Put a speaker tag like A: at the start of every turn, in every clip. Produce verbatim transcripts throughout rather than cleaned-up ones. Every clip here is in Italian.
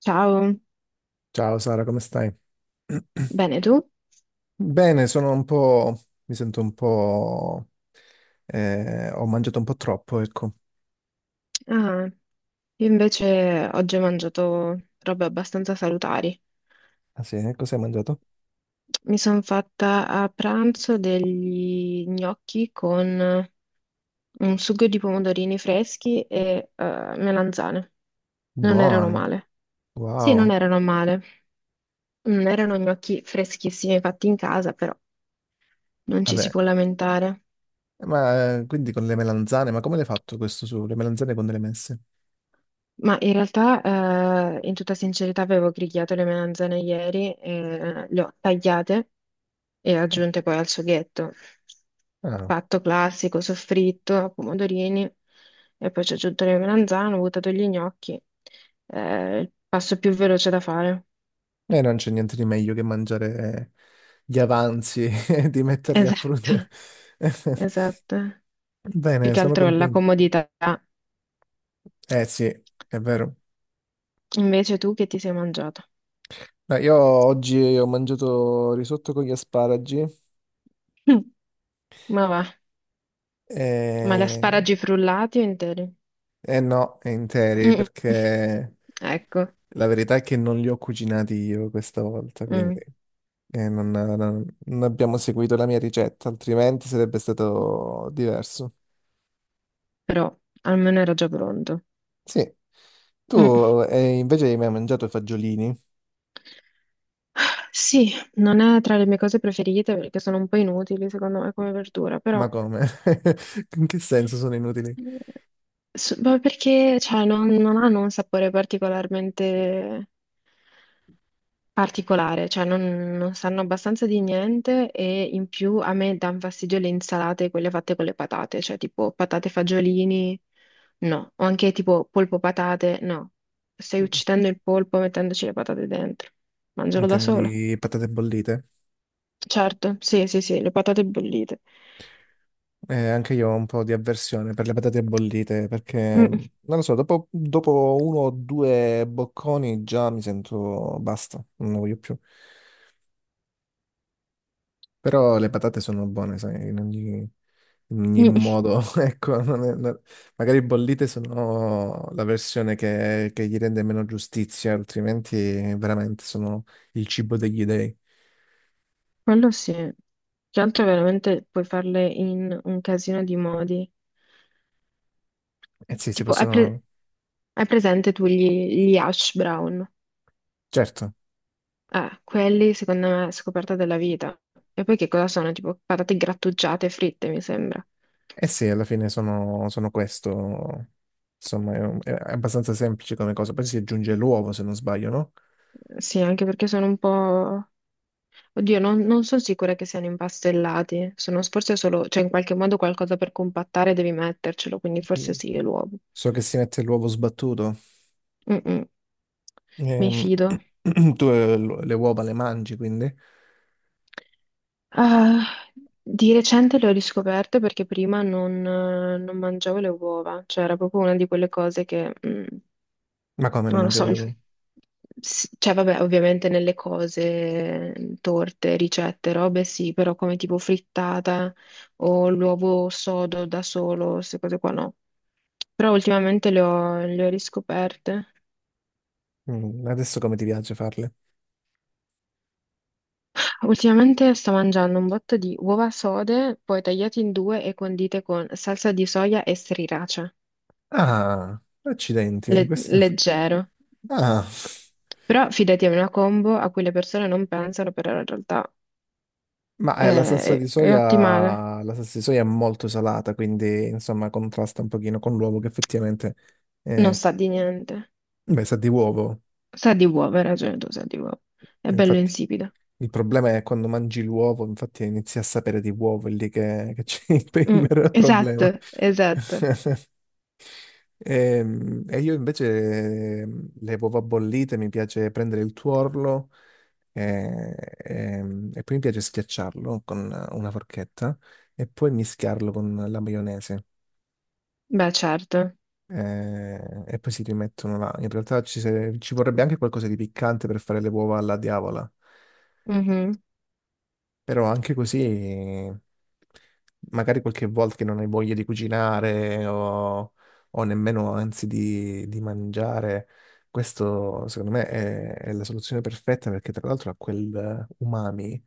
A: Ciao,
B: Ciao Sara, come stai?
A: bene tu?
B: Bene, sono un po'... mi sento un po'... eh, ho mangiato un po' troppo, ecco.
A: Ah, io invece oggi ho mangiato robe abbastanza salutari.
B: Ah sì, eh? Cosa hai mangiato?
A: Mi sono fatta a pranzo degli gnocchi con un sugo di pomodorini freschi e eh, melanzane. Non erano
B: Buoni,
A: male. Sì, non
B: wow.
A: erano male. Non erano gnocchi freschissimi fatti in casa, però non ci si
B: Vabbè,
A: può lamentare.
B: ma eh, quindi con le melanzane, ma come l'hai fatto questo su? Le melanzane con delle messe?
A: Ma in realtà, eh, in tutta sincerità, avevo grigliato le melanzane ieri, e le ho tagliate e aggiunte poi al sughetto.
B: Ah,
A: Fatto classico, soffritto, pomodorini, e poi ci ho aggiunto le melanzane, ho buttato gli gnocchi. Eh, il passo più veloce da fare.
B: eh, non c'è niente di meglio che mangiare gli avanzi e di metterli a frutto.
A: Esatto, esatto. Più
B: Bene,
A: che
B: sono
A: altro la
B: contento.
A: comodità.
B: Eh sì, è vero.
A: Invece tu che ti sei mangiato?
B: No, io oggi ho mangiato risotto con gli asparagi
A: Mm, ma va, ma gli
B: e,
A: asparagi frullati o interi?
B: e no, interi,
A: Mm,
B: perché
A: ecco.
B: la verità è che non li ho cucinati io questa volta, quindi
A: Mm.
B: eh, non, non- non abbiamo seguito la mia ricetta, altrimenti sarebbe stato diverso.
A: Però almeno era già pronto.
B: Sì,
A: Mm.
B: tu eh, invece hai mai mangiato i fagiolini?
A: Sì, non è tra le mie cose preferite perché sono un po' inutili secondo me come verdura,
B: Ma
A: però
B: come? In che senso sono inutili?
A: eh, s- ma perché cioè, non, non hanno un sapore particolarmente particolare, cioè non, non sanno abbastanza di niente e in più a me danno fastidio le insalate, quelle fatte con le patate, cioè tipo patate fagiolini, no, o anche tipo polpo patate, no, stai uccidendo il polpo mettendoci le patate dentro, mangialo da
B: Intendi
A: solo.
B: patate bollite?
A: Certo, sì, sì, sì, le patate bollite.
B: Eh, anche io ho un po' di avversione per le patate bollite perché,
A: Mm,
B: non lo so, dopo, dopo uno o due bocconi già mi sento basta, non ne voglio più. Però le patate sono buone, sai, in ogni, in ogni
A: mm, mm,
B: modo. Ecco, non è- non- magari bollite sono la versione che, che gli rende meno giustizia, altrimenti veramente sono il cibo degli dei.
A: quello sì. Che altro veramente puoi farle in un casino di modi.
B: Eh sì, si
A: Tipo, hai, pre-
B: possono...
A: hai presente tu gli, gli hash brown?
B: Certo.
A: Eh, quelli secondo me è scoperta della vita. E poi che cosa sono? Tipo patate grattugiate e fritte, mi sembra.
B: Eh sì, alla fine sono, sono questo. Insomma, è, un- è abbastanza semplice come cosa. Poi si aggiunge l'uovo, se non sbaglio, no?
A: Sì, anche perché sono un po'... Oddio, non, non sono sicura che siano impastellati. Sono forse solo, cioè in qualche modo qualcosa per compattare devi mettercelo, quindi forse
B: Sì.
A: sì, è l'uovo.
B: So che si mette l'uovo sbattuto.
A: Mm-mm, mi
B: Ehm,
A: fido.
B: tu eh, l- le uova le mangi, quindi?
A: Ah, di recente le ho riscoperte perché prima non, non mangiavo le uova, cioè era proprio una di quelle cose che... mm,
B: Ma come non
A: non lo so,
B: mangiavi le uova?
A: S- cioè vabbè, ovviamente nelle cose, torte, ricette, robe sì, però come tipo frittata o l'uovo sodo da solo, queste cose qua no. Però ultimamente le ho, le ho riscoperte.
B: Mm, adesso come ti piace farle?
A: Ultimamente sto mangiando un botto di uova sode, poi tagliate in due e condite con salsa di soia e sriracha.
B: Ah, accidenti,
A: Le-
B: questo...
A: leggero.
B: Ah,
A: Però fidati, è una combo a cui le persone non pensano, però in realtà
B: ma eh, la salsa di
A: è, è ottimale.
B: soia, la salsa di soia è molto salata, quindi insomma contrasta un pochino con l'uovo che effettivamente...
A: Non
B: eh,
A: sa di niente.
B: beh, sa di uovo.
A: Sa di uova, hai ragione tu, sa di uova. È bello
B: Infatti...
A: insipido.
B: Il problema è quando mangi l'uovo, infatti inizi a sapere di uovo, è lì che, che c'è il
A: Mm,
B: vero
A: esatto,
B: problema.
A: esatto.
B: Ehm, E, io invece ehm, le uova bollite mi piace prendere il tuorlo eh, ehm, e, poi mi piace schiacciarlo con una forchetta e poi mischiarlo con la maionese.
A: Beh, certo.
B: Eh, e poi si rimettono là. In realtà ci, se- ci vorrebbe anche qualcosa di piccante per fare le uova alla diavola.
A: Mhm.
B: Però anche così, magari qualche volta che non hai voglia di cucinare o, o nemmeno anzi di, di mangiare, questo secondo me è, è la soluzione perfetta perché tra l'altro ha quel umami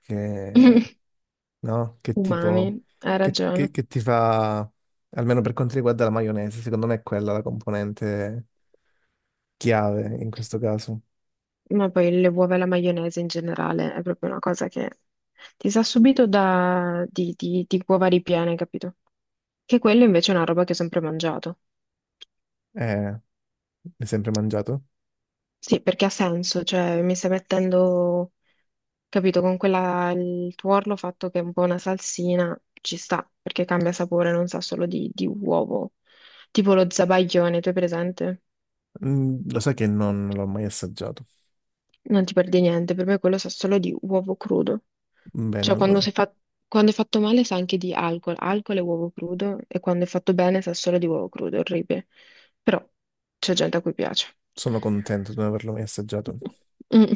B: che, no? Che tipo,
A: Umami, hai
B: che, che-
A: ragione.
B: che ti fa, almeno per quanto riguarda la maionese, secondo me è quella la componente chiave in questo caso.
A: Ma poi le uova e la maionese in generale è proprio una cosa che ti sa subito da... di, di, di uova ripiene, capito? Che quella invece è una roba che ho sempre mangiato.
B: Eh, l'hai sempre mangiato?
A: Sì, perché ha senso, cioè mi stai mettendo capito, con quella, il tuorlo fatto che è un po' una salsina ci sta, perché cambia sapore, non sa solo di, di uovo. Tipo lo zabaglione, tu hai presente?
B: Mm, lo sai che non, non l'ho mai assaggiato.
A: Non ti perdi niente, per me quello sa solo di uovo crudo.
B: Bene,
A: Cioè,
B: allora
A: quando, si fa- quando è fatto male sa anche di alcol, alcol e uovo crudo, e quando è fatto bene sa solo di uovo crudo, è orribile. Però c'è gente a cui piace.
B: sono contento di non averlo mai assaggiato.
A: Mm.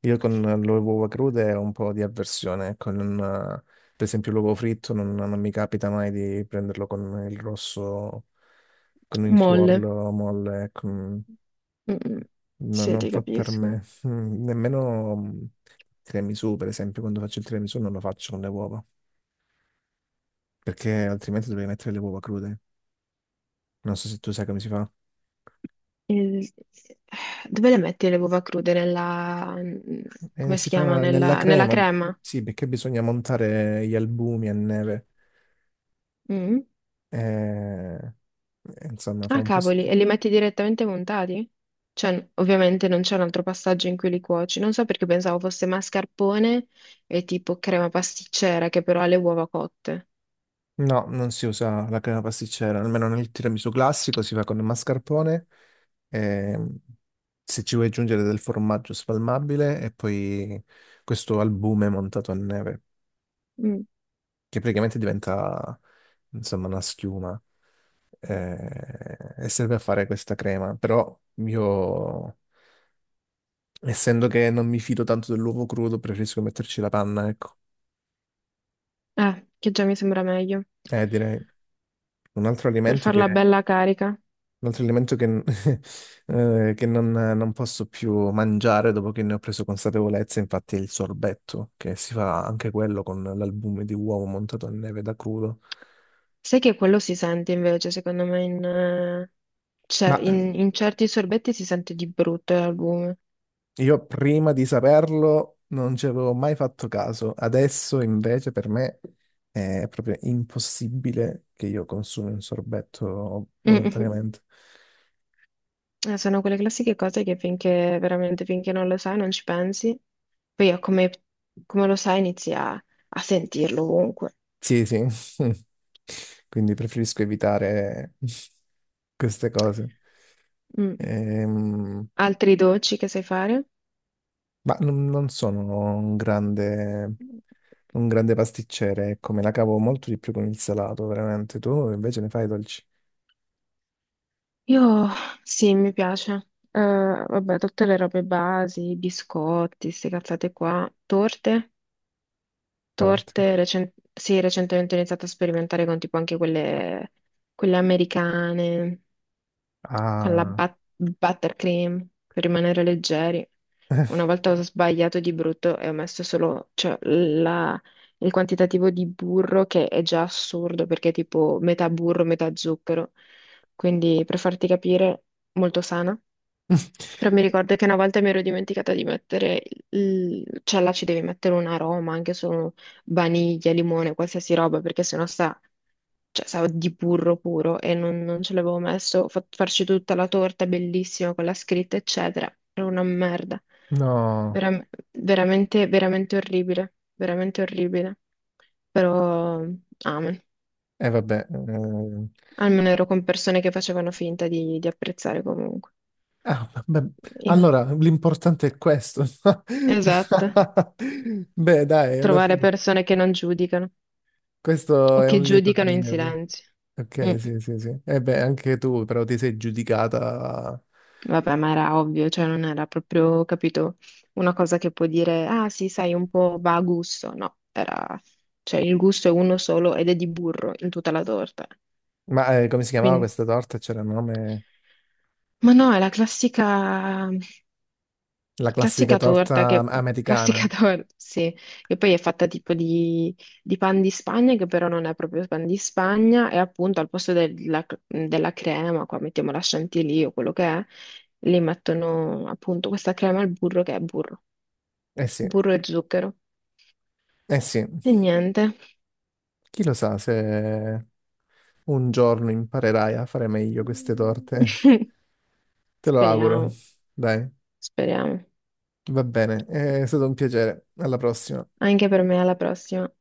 B: Io con le uova crude ho un po' di avversione. Ecco, non, eh, per esempio l'uovo fritto non, non mi capita mai di prenderlo con il rosso, con il
A: Molle.
B: tuorlo molle. Con-
A: Mm, mm.
B: no,
A: Sì,
B: non
A: ti
B: fa per
A: capisco.
B: me. Mm, nemmeno mm, tiramisù, per esempio, quando faccio il tiramisù non lo faccio con le uova, perché altrimenti dovrei mettere le uova crude. Non so se tu sai come si fa.
A: Il- Dove le metti le uova crude? Nella,
B: Eh,
A: come si
B: si
A: chiama?
B: fa nella
A: Nella, nella
B: crema,
A: crema?
B: sì, perché bisogna montare gli albumi a neve.
A: Mm?
B: Eh, eh, insomma, fa
A: Ah,
B: un po'
A: cavoli, e
B: schifo.
A: li metti direttamente montati? Cioè, ovviamente non c'è un altro passaggio in cui li cuoci. Non so perché pensavo fosse mascarpone e tipo crema pasticcera che però ha le uova cotte.
B: No, non si usa la crema pasticcera, almeno nel tiramisù classico si fa con il mascarpone. ehm, Se ci vuoi aggiungere del formaggio spalmabile e poi questo albume montato a neve,
A: Mm.
B: che praticamente diventa, insomma, una schiuma. Eh, e serve a fare questa crema, però io essendo che non mi fido tanto dell'uovo crudo, preferisco metterci la panna, ecco.
A: Eh, che già mi sembra meglio
B: Eh, direi un altro
A: per
B: alimento che,
A: farla
B: un
A: bella carica.
B: altro alimento che, eh, che non, non posso più mangiare dopo che ne ho preso consapevolezza, infatti, è il sorbetto, che si fa anche quello con l'albume di uovo montato a neve da crudo.
A: Sai che quello si sente invece, secondo me, in, eh,
B: Ma
A: cioè,
B: eh,
A: in- in certi sorbetti si sente di brutto l'albume.
B: io prima di saperlo non ci avevo mai fatto caso, adesso invece per me è proprio impossibile che io consumi un sorbetto volontariamente.
A: Eh, sono quelle classiche cose che finché veramente finché non lo sai non ci pensi, poi a come, come lo sai inizi a, a sentirlo ovunque.
B: Sì, sì. Quindi preferisco evitare queste cose.
A: Mm.
B: Ehm,
A: Altri dolci che sai fare?
B: ma non, non sono un grande, un grande pasticcere, ecco, me la cavo molto di più con il salato, veramente. Tu invece ne fai i dolci
A: Io sì, mi piace. Eh, vabbè, tutte le robe basi, biscotti, queste cazzate qua, torte,
B: torti.
A: torte, recen- sì, recentemente ho iniziato a sperimentare con tipo anche quelle, quelle americane. Con la
B: Ah,
A: bat- buttercream per rimanere leggeri. Una volta ho sbagliato di brutto e ho messo solo, cioè, la- il quantitativo di burro che è già assurdo perché è tipo metà burro, metà zucchero. Quindi per farti capire, molto sana. Però mi ricordo che una volta mi ero dimenticata di mettere, il... cioè là ci devi mettere un aroma, anche solo vaniglia, limone, qualsiasi roba, perché sennò sta cioè sa di burro puro e non, non ce l'avevo messo, ho fatto farci tutta la torta bellissima con la scritta, eccetera. Era una merda.
B: no,
A: Veram- veramente, veramente orribile, veramente orribile. Però, amen.
B: e vabbè. Ehm.
A: Almeno ero con persone che facevano finta di, di apprezzare comunque.
B: Ah, beh,
A: Io-
B: allora l'importante è questo.
A: Esatto.
B: Beh, dai, alla
A: Trovare
B: fine.
A: persone che non giudicano
B: Questo
A: o
B: è
A: che
B: un lieto
A: giudicano in
B: fine. per-
A: silenzio. Mm.
B: Ok, sì, sì, sì. E beh, anche tu però ti sei giudicata...
A: Vabbè, ma era ovvio, cioè non era proprio, capito, una cosa che può dire, ah sì, sai, un po' va a gusto. No, era, cioè il gusto è uno solo ed è di burro in tutta la torta.
B: Ma eh, come si chiamava
A: Quindi,
B: questa torta? C'era un nome...
A: ma no, è la classica.
B: La classica
A: Classica torta,
B: torta
A: che... classica
B: americana.
A: torta, sì, che poi è fatta tipo di, di pan di Spagna, che però non è proprio pan di Spagna, e appunto al posto della, della crema, qua mettiamo la chantilly o quello che è, li mettono appunto questa crema al burro che è burro,
B: Eh sì,
A: burro e zucchero.
B: eh sì.
A: E niente.
B: Chi lo sa se un giorno imparerai a fare meglio queste torte. Te lo auguro.
A: Speriamo,
B: Dai,
A: speriamo.
B: va bene. È stato un piacere. Alla prossima.
A: Anche per me alla prossima.